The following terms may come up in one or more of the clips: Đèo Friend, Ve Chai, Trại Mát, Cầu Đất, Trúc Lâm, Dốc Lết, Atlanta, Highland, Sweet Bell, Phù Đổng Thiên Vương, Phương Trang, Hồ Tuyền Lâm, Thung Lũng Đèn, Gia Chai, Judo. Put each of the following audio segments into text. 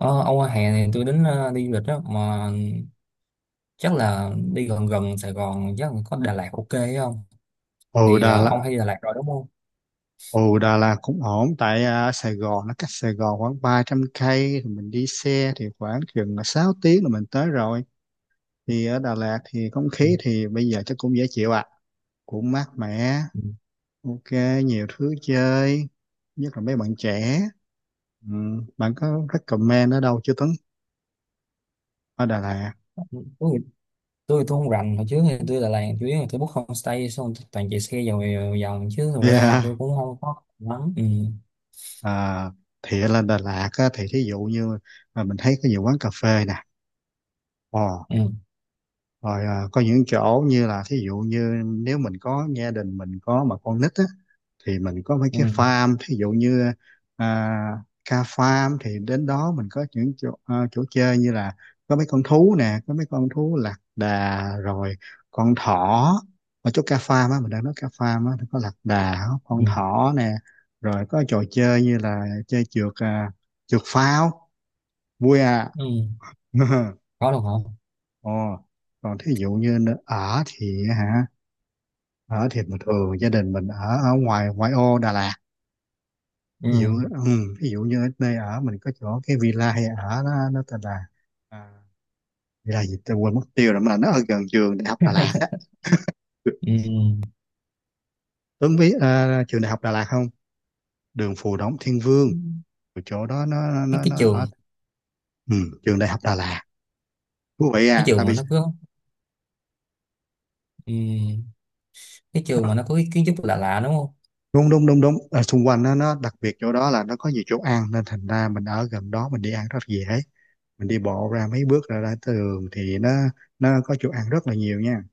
Ờ, Âu hè này tôi đi du lịch đó mà chắc là đi gần gần Sài Gòn, chắc là có Đà Lạt ok ấy không? Ừ, Thì Đà Lạt. ông hay đi Đà Lạt rồi đúng không? Ừ, Đà Lạt cũng ổn tại Sài Gòn, nó cách Sài Gòn khoảng 300 cây thì mình đi xe thì khoảng chừng 6 tiếng là mình tới rồi. Thì ở Đà Lạt thì không Ừ. khí thì bây giờ chắc cũng dễ chịu ạ à. Cũng mát mẻ, ok, nhiều thứ chơi, nhất là mấy bạn trẻ. Ừ, bạn có Ừ. recommend ở đâu chưa Tuấn, ở Đà Lạt? Tôi thì- tôi thì tôi không rành, hồi trước thì tôi Đà Lạt chủ yếu là tôi book homestay xong tôi toàn chạy xe vòng vòng chứ thực ra tôi Yeah. cũng không có lắm. Ừ. À, thì ở lên Đà Lạt á, thì thí dụ như là mình thấy có nhiều quán cà phê nè. Ồ, Ừ. rồi có những chỗ như là thí dụ như nếu mình có gia đình, mình có mà con nít á, thì mình có mấy Ừ. cái farm, thí dụ như à, ca farm, thì đến đó mình có những chỗ chơi như là có mấy con thú nè, có mấy con thú lạc đà rồi con thỏ. Ở chỗ ca farm á, mình đang nói ca farm á, nó có lạc đà, con Ừ. thỏ nè, rồi có trò chơi như là chơi trượt pháo, vui à. Ừ. Có được không? Ồ, còn thí dụ như nơi ở thì hả, ở thì bình thường gia đình mình ở ở ngoài ngoại ô Đà Lạt. Ừ. Ví dụ, ừ, ví dụ như ở đây ở mình có chỗ cái villa hay ở. Nó tên là à, villa gì tôi quên mất tiêu rồi, mà nó ở gần trường đại học Đà Lạt á. Ừ. Tuấn biết trường đại học Đà Lạt không? Đường Phù Đổng Thiên Vương. Rồi chỗ đó nó Cái nó cái nó, nó trường, ở, ừ, trường đại học Đà Lạt, thú vị cái à tại trường mà vì nó cứ, ừ, cái trường mà nó- nó có cái kiến trúc lạ lạ đúng không? đúng đúng đúng đúng. Ở xung quanh nó đặc biệt, chỗ đó là nó có nhiều chỗ ăn nên thành ra mình ở gần đó mình đi ăn rất dễ. Mình đi bộ ra mấy bước, ra ra tới đường thì nó có chỗ ăn rất là nhiều nha.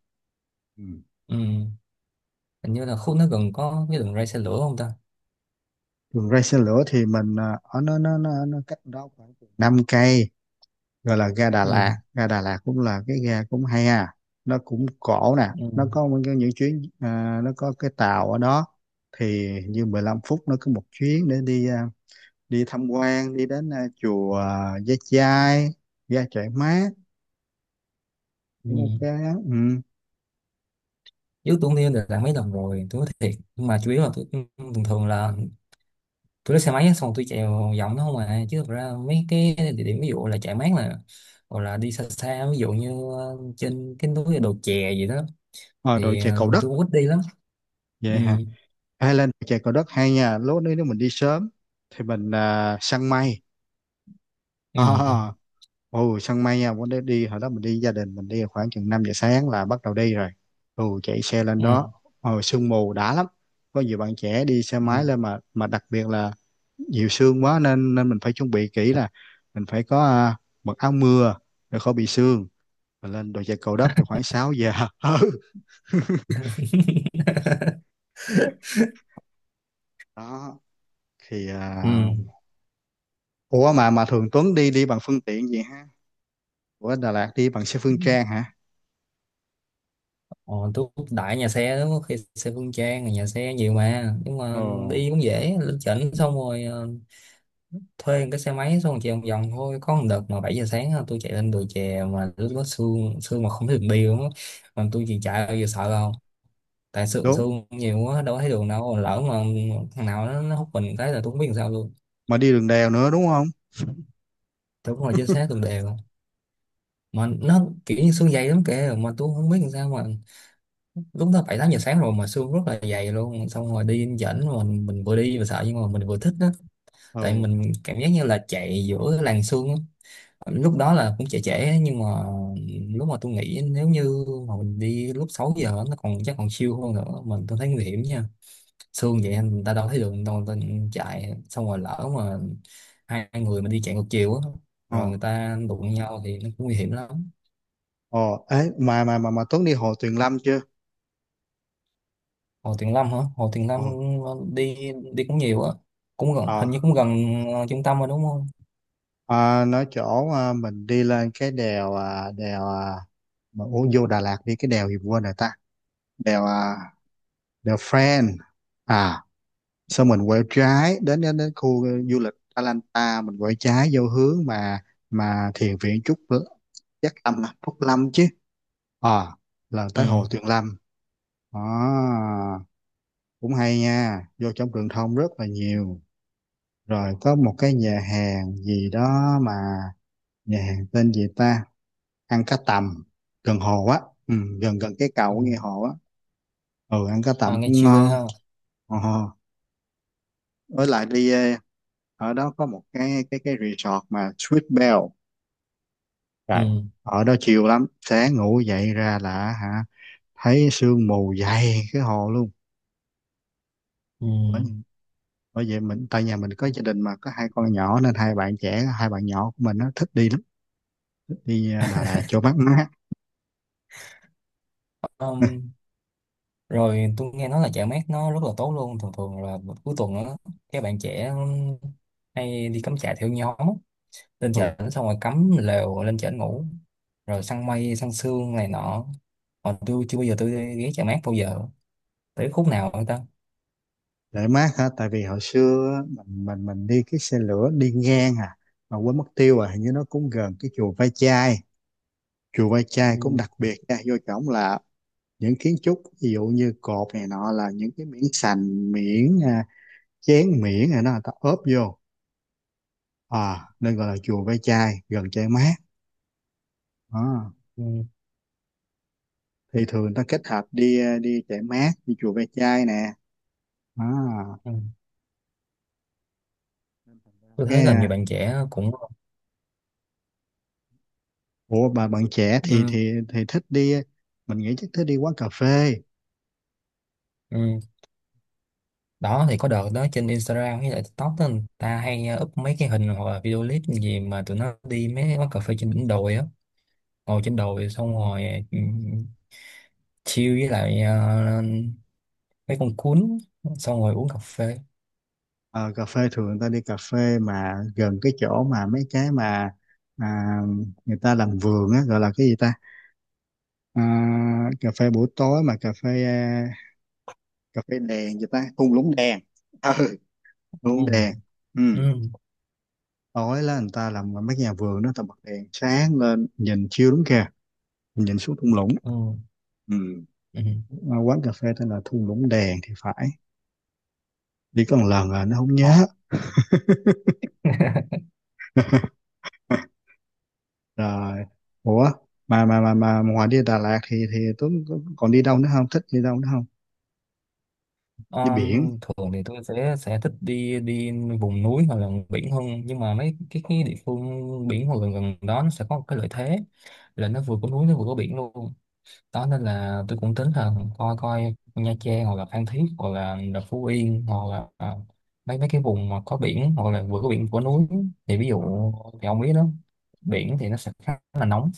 Ừ. Ừ. Hình như là khu nó gần có cái đường ray xe lửa không ta? Đường ray xe lửa thì mình ở nó cách đó khoảng 5 cây, gọi là ga Đà Ừ. Lạt. Ga Đà Lạt cũng là cái ga cũng hay à, nó cũng cổ nè, Ừ. nó có những chuyến nó có cái tàu ở đó. Thì như 15 phút nó cứ một chuyến để đi tham quan, đi đến chùa Gia Chai, ga Trại Mát, Ừ. cũng ok á. Ừ. Trước tôi cũng đi được mấy lần rồi, tôi nói thiệt, nhưng mà chủ yếu là tôi thường thường là tôi lấy xe máy á, xong tôi chạy vòng vòng đó không à, chứ thực ra mấy cái địa điểm ví dụ là chạy mát là, hoặc là đi xa xa ví dụ như trên cái núi đồ chè gì đó Ờ, Rồi thì chè Cầu Đất tôi cũng ít đi lắm. Ừ. vậy. Highland, chè Cầu Đất hay nha, lúc đấy nếu mình đi sớm thì mình săn mây. Ừ. à, ồ, săn mây nha, bữa đấy đi hồi đó mình đi, gia đình mình đi khoảng chừng 5 giờ sáng là bắt đầu đi rồi. Ồ, chạy xe lên đó, Ừ. ồ sương mù đã lắm. Có nhiều bạn trẻ đi xe Ừ. máy lên, mà đặc biệt là nhiều sương quá nên nên mình phải chuẩn bị kỹ là mình phải có mặc áo mưa để khỏi bị sương. Mình lên đồi chè Cầu Đất thì khoảng 6 giờ. Ừ, đó thì ủa, mà thường Tuấn đi đi bằng phương tiện gì ha? Ủa, Đà Lạt đi bằng xe Ừ. Phương Trang hả? Ờ, tôi đại nhà xe lắm, có khi xe Phương Trang nhà xe nhiều mà, nhưng Ồ, mà đi cũng dễ, lên trển xong rồi thuê một cái xe máy xong rồi chạy vòng vòng thôi. Có một đợt mà 7 giờ sáng á, tôi chạy lên đồi chè mà lúc đó sương sương mà không thấy đường đi luôn á. Mà tôi chỉ chạy, bây giờ sợ đâu, tại sương đúng. sương nhiều quá đâu có thấy đường đâu, lỡ mà thằng nào nó hút mình cái là tôi không biết làm sao luôn. Mà đi đường đèo nữa đúng không? Tôi cũng ngồi trên xe tuần đều, mà nó kiểu như sương dày lắm kìa, mà tôi không biết làm sao mà lúc đó 7 8 giờ sáng rồi mà sương rất là dày luôn, xong rồi đi dẫn mà mình vừa đi vừa sợ nhưng mà mình vừa thích đó. Tại Ồ, mình cảm giác như là chạy giữa làn sương á. Lúc đó là cũng trễ trễ á, nhưng mà lúc mà tôi nghĩ nếu như mà mình đi lúc 6 giờ á, nó còn chắc còn siêu hơn nữa. Mình tôi thấy nguy hiểm nha. Sương vậy người ta đâu thấy đường đâu, người ta chạy xong rồi lỡ mà hai người mà đi chạy ngược chiều á, ồ, rồi người ta đụng nhau thì nó cũng nguy hiểm lắm. ồ, ấy, mà Tuấn đi Hồ Tuyền Lâm chưa? Hồ Tuyền Lâm hả? Hồ Tuyền Lâm, Ồ, đi đi cũng nhiều á, cũng gần, ờ, hình như cũng gần trung tâm rồi đúng không? à, nói chỗ mình đi lên cái mà ủa, vô Đà Lạt đi cái đèo gì quên rồi ta? Đèo đèo Friend. À, sau mình quẹo trái đến đến, đến khu du lịch Atlanta, mình quẹo trái vô hướng mà thiền viện Trúc Chắc Lâm, à, Trúc Lâm chứ. Ờ, là Ừ. tới Hồ Tuyền Lâm. À, cũng hay nha, vô trong truyền thông rất là nhiều. Rồi có một cái nhà hàng gì đó mà, nhà hàng tên gì ta? Ăn cá tầm gần hồ á, ừ, gần gần cái cầu Ừ. của nghe hồ á. Ừ, ăn cá À, tầm nghe cũng chill ghê ngon. ha. Ờ, với lại đi ở đó có một cái resort mà Sweet Bell. Rồi, Ừ. ở đó chiều lắm, sáng ngủ dậy ra là hả, thấy sương mù dày cái hồ Ừ. luôn. Bởi vậy mình, tại nhà mình có gia đình mà có hai con nhỏ nên hai bạn trẻ, hai bạn nhỏ của mình nó thích đi lắm, thích đi Đà Lạt cho mát mát. Um, Rồi tôi nghe nói là chợ mát nó rất là tốt luôn, thường thường là cuối tuần á các bạn trẻ hay đi cắm trại theo nhóm á. Lên Ừ, chợ xong rồi cắm lều lên chợ ngủ, rồi săn mây săn sương này nọ. Còn tôi chưa bao giờ tôi đi ghé chợ mát bao giờ, tới khúc nào người ta. để mát hả, tại vì hồi xưa á, mình đi cái xe lửa đi ngang à, mà quên mất tiêu, à hình như nó cũng gần cái chùa Ve Chai. Chùa Ve Chai Ừ. cũng đặc biệt nha, vô trỏng là những kiến trúc ví dụ như cột này nọ là những cái miếng sành, miếng chén, miếng này nó người ta ốp vô, à nên gọi là chùa Ve Chai, gần Chai Mát. Đó, Ừ. thì thường người ta kết hợp đi chạy mát, đi chùa Ve Chai nè. À, Ừ. Tôi thấy cái là ờ, nhiều bạn trẻ cũng. ủa, bà bạn trẻ thì Ừ. thì thì thích đi, mình nghĩ chắc thích đi quán cà phê. Ừ. Đó thì có đợt đó trên Instagram với lại TikTok đó, người ta hay up mấy cái hình hoặc là video clip gì mà tụi nó đi mấy quán cà phê trên đỉnh đồi á, ngồi trên đồi xong rồi ừ, chill với lại mấy con cuốn xong rồi uống cà phê. Ờ, cà phê, thường người ta đi cà phê mà gần cái chỗ mà mấy cái mà à, người ta làm vườn á, gọi là cái gì ta, cà phê buổi tối mà cà phê cà phê đèn gì ta, thung lũng đèn. Ừ, thung lũng Ừ. đèn. Ừ, Ừ. tối là người ta làm mấy cái nhà vườn đó ta bật đèn sáng lên nhìn chiêu đúng kìa, mình nhìn xuống thung lũng. Ừ. Ừ. Ừ. À, quán cà phê tên là Thung Lũng Đèn thì phải. Đi có một lần à, nó không Ờ. nhớ. Rồi, ủa, mà ngoài đi Đà Lạt thì Tuấn còn đi đâu nữa không? Thích đi đâu nữa không? Đi biển. Um, Thường thì tôi sẽ thích đi đi vùng núi hoặc là biển hơn, nhưng mà mấy cái địa phương biển hoặc gần gần đó nó sẽ có một cái lợi thế. Là nó vừa có núi nó vừa có biển luôn đó, nên là tôi cũng tính là coi coi Nha Trang hoặc là Phan Thiết hoặc là Phú Yên hoặc là mấy mấy cái vùng mà có biển hoặc là vừa có biển vừa có núi. Thì ví dụ thì ông biết đó, biển thì nó sẽ khá là nóng.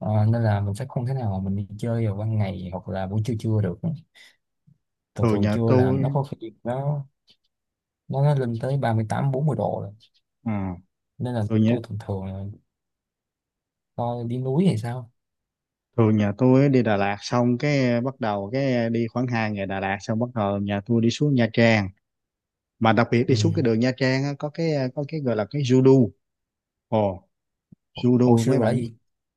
Nên là mình sẽ không thể nào mà mình đi chơi vào ban ngày hoặc là buổi trưa trưa được. Thường Thường thường nhà trưa là tôi nó có khi nó lên tới 38 40 độ rồi. ừ, Nên là thường nhà tôi thường thường là coi đi núi hay sao. thường nhà tôi á, đi Đà Lạt xong cái bắt đầu cái đi khoảng 2 ngày Đà Lạt, xong bắt đầu nhà tôi đi xuống Nha Trang. Mà đặc biệt đi Ừ. xuống cái đường Nha Trang á, có cái gọi là cái Judo. Ồ, Hồi Judo xưa mấy bạn, là gì.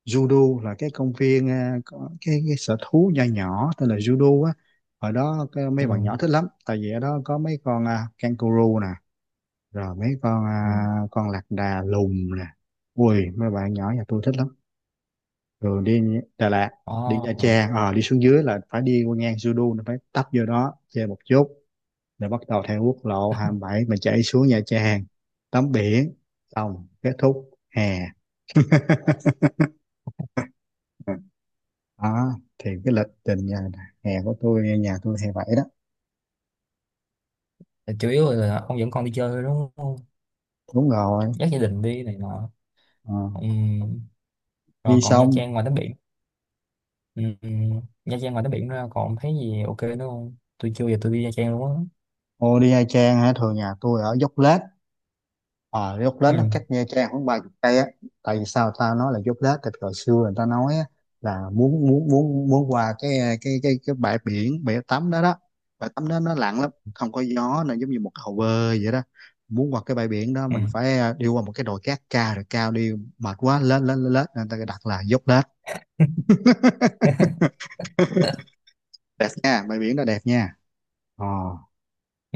judo là cái công viên, có cái sở thú nho nhỏ tên là judo á. Ở đó cái, mấy Ừ. bạn nhỏ thích lắm tại vì ở đó có mấy con kangaroo nè, rồi mấy con Ừ. Con lạc đà lùn nè. Ui, mấy bạn nhỏ nhà tôi thích lắm. Rồi đi Đà Lạt, Ờ. đi Nha Ờ. Trang, ờ đi xuống dưới là phải đi qua ngang judo, nó phải tấp vô đó chơi một chút, rồi bắt đầu theo quốc lộ 27 mà chạy xuống Nha Trang, tắm biển, xong kết thúc hè. Đó, thì cái lịch trình nhà hè của tôi, nhà tôi hè bảy đó. Chủ yếu là ông dẫn con đi chơi thôi đúng không? Đúng rồi. Dắt gia đình đi này nọ. Ờ, Ừm. Rồi đi còn Nha xong Trang ngoài tắm biển. Ừm. Nha Trang ngoài tắm biển ra còn thấy gì ok nữa không? Tôi chưa giờ tôi đi Nha Trang luôn á. ô đi Nha Trang hả, thường nhà tôi ở Dốc Lết. Ờ, Dốc Lết nó cách Ừm. Nha Trang khoảng 30 cây á. Tại vì sao tao nói là Dốc Lết, thì hồi xưa người ta nói á, là muốn muốn muốn muốn qua cái bãi biển, bãi tắm đó đó, bãi tắm đó nó lặng lắm, không có gió, nó giống như một cái hồ bơi vậy đó. Muốn qua cái bãi biển đó mình Ừm. phải đi qua một cái đồi cát cao, rồi cao đi mệt quá lết lết lết lết, nên người ta đặt là Dốc Lết. Đẹp nha, bãi biển đó đẹp nha. Ờ,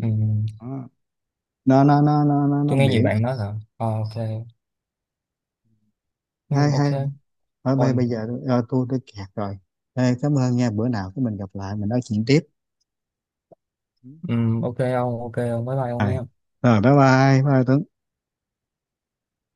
Ừm. đó. Nó Tôi nghe nhiều biển, bạn nói là ok. hay ok. hay. Thôi, bây Rồi. bây giờ tôi kẹt rồi. Ê, cảm ơn nha, bữa nào cái mình gặp lại mình nói chuyện tiếp. Ừ. Ok ông, ok ông, bye bye ông Rồi, nha. rồi, bye bye bye Tuấn.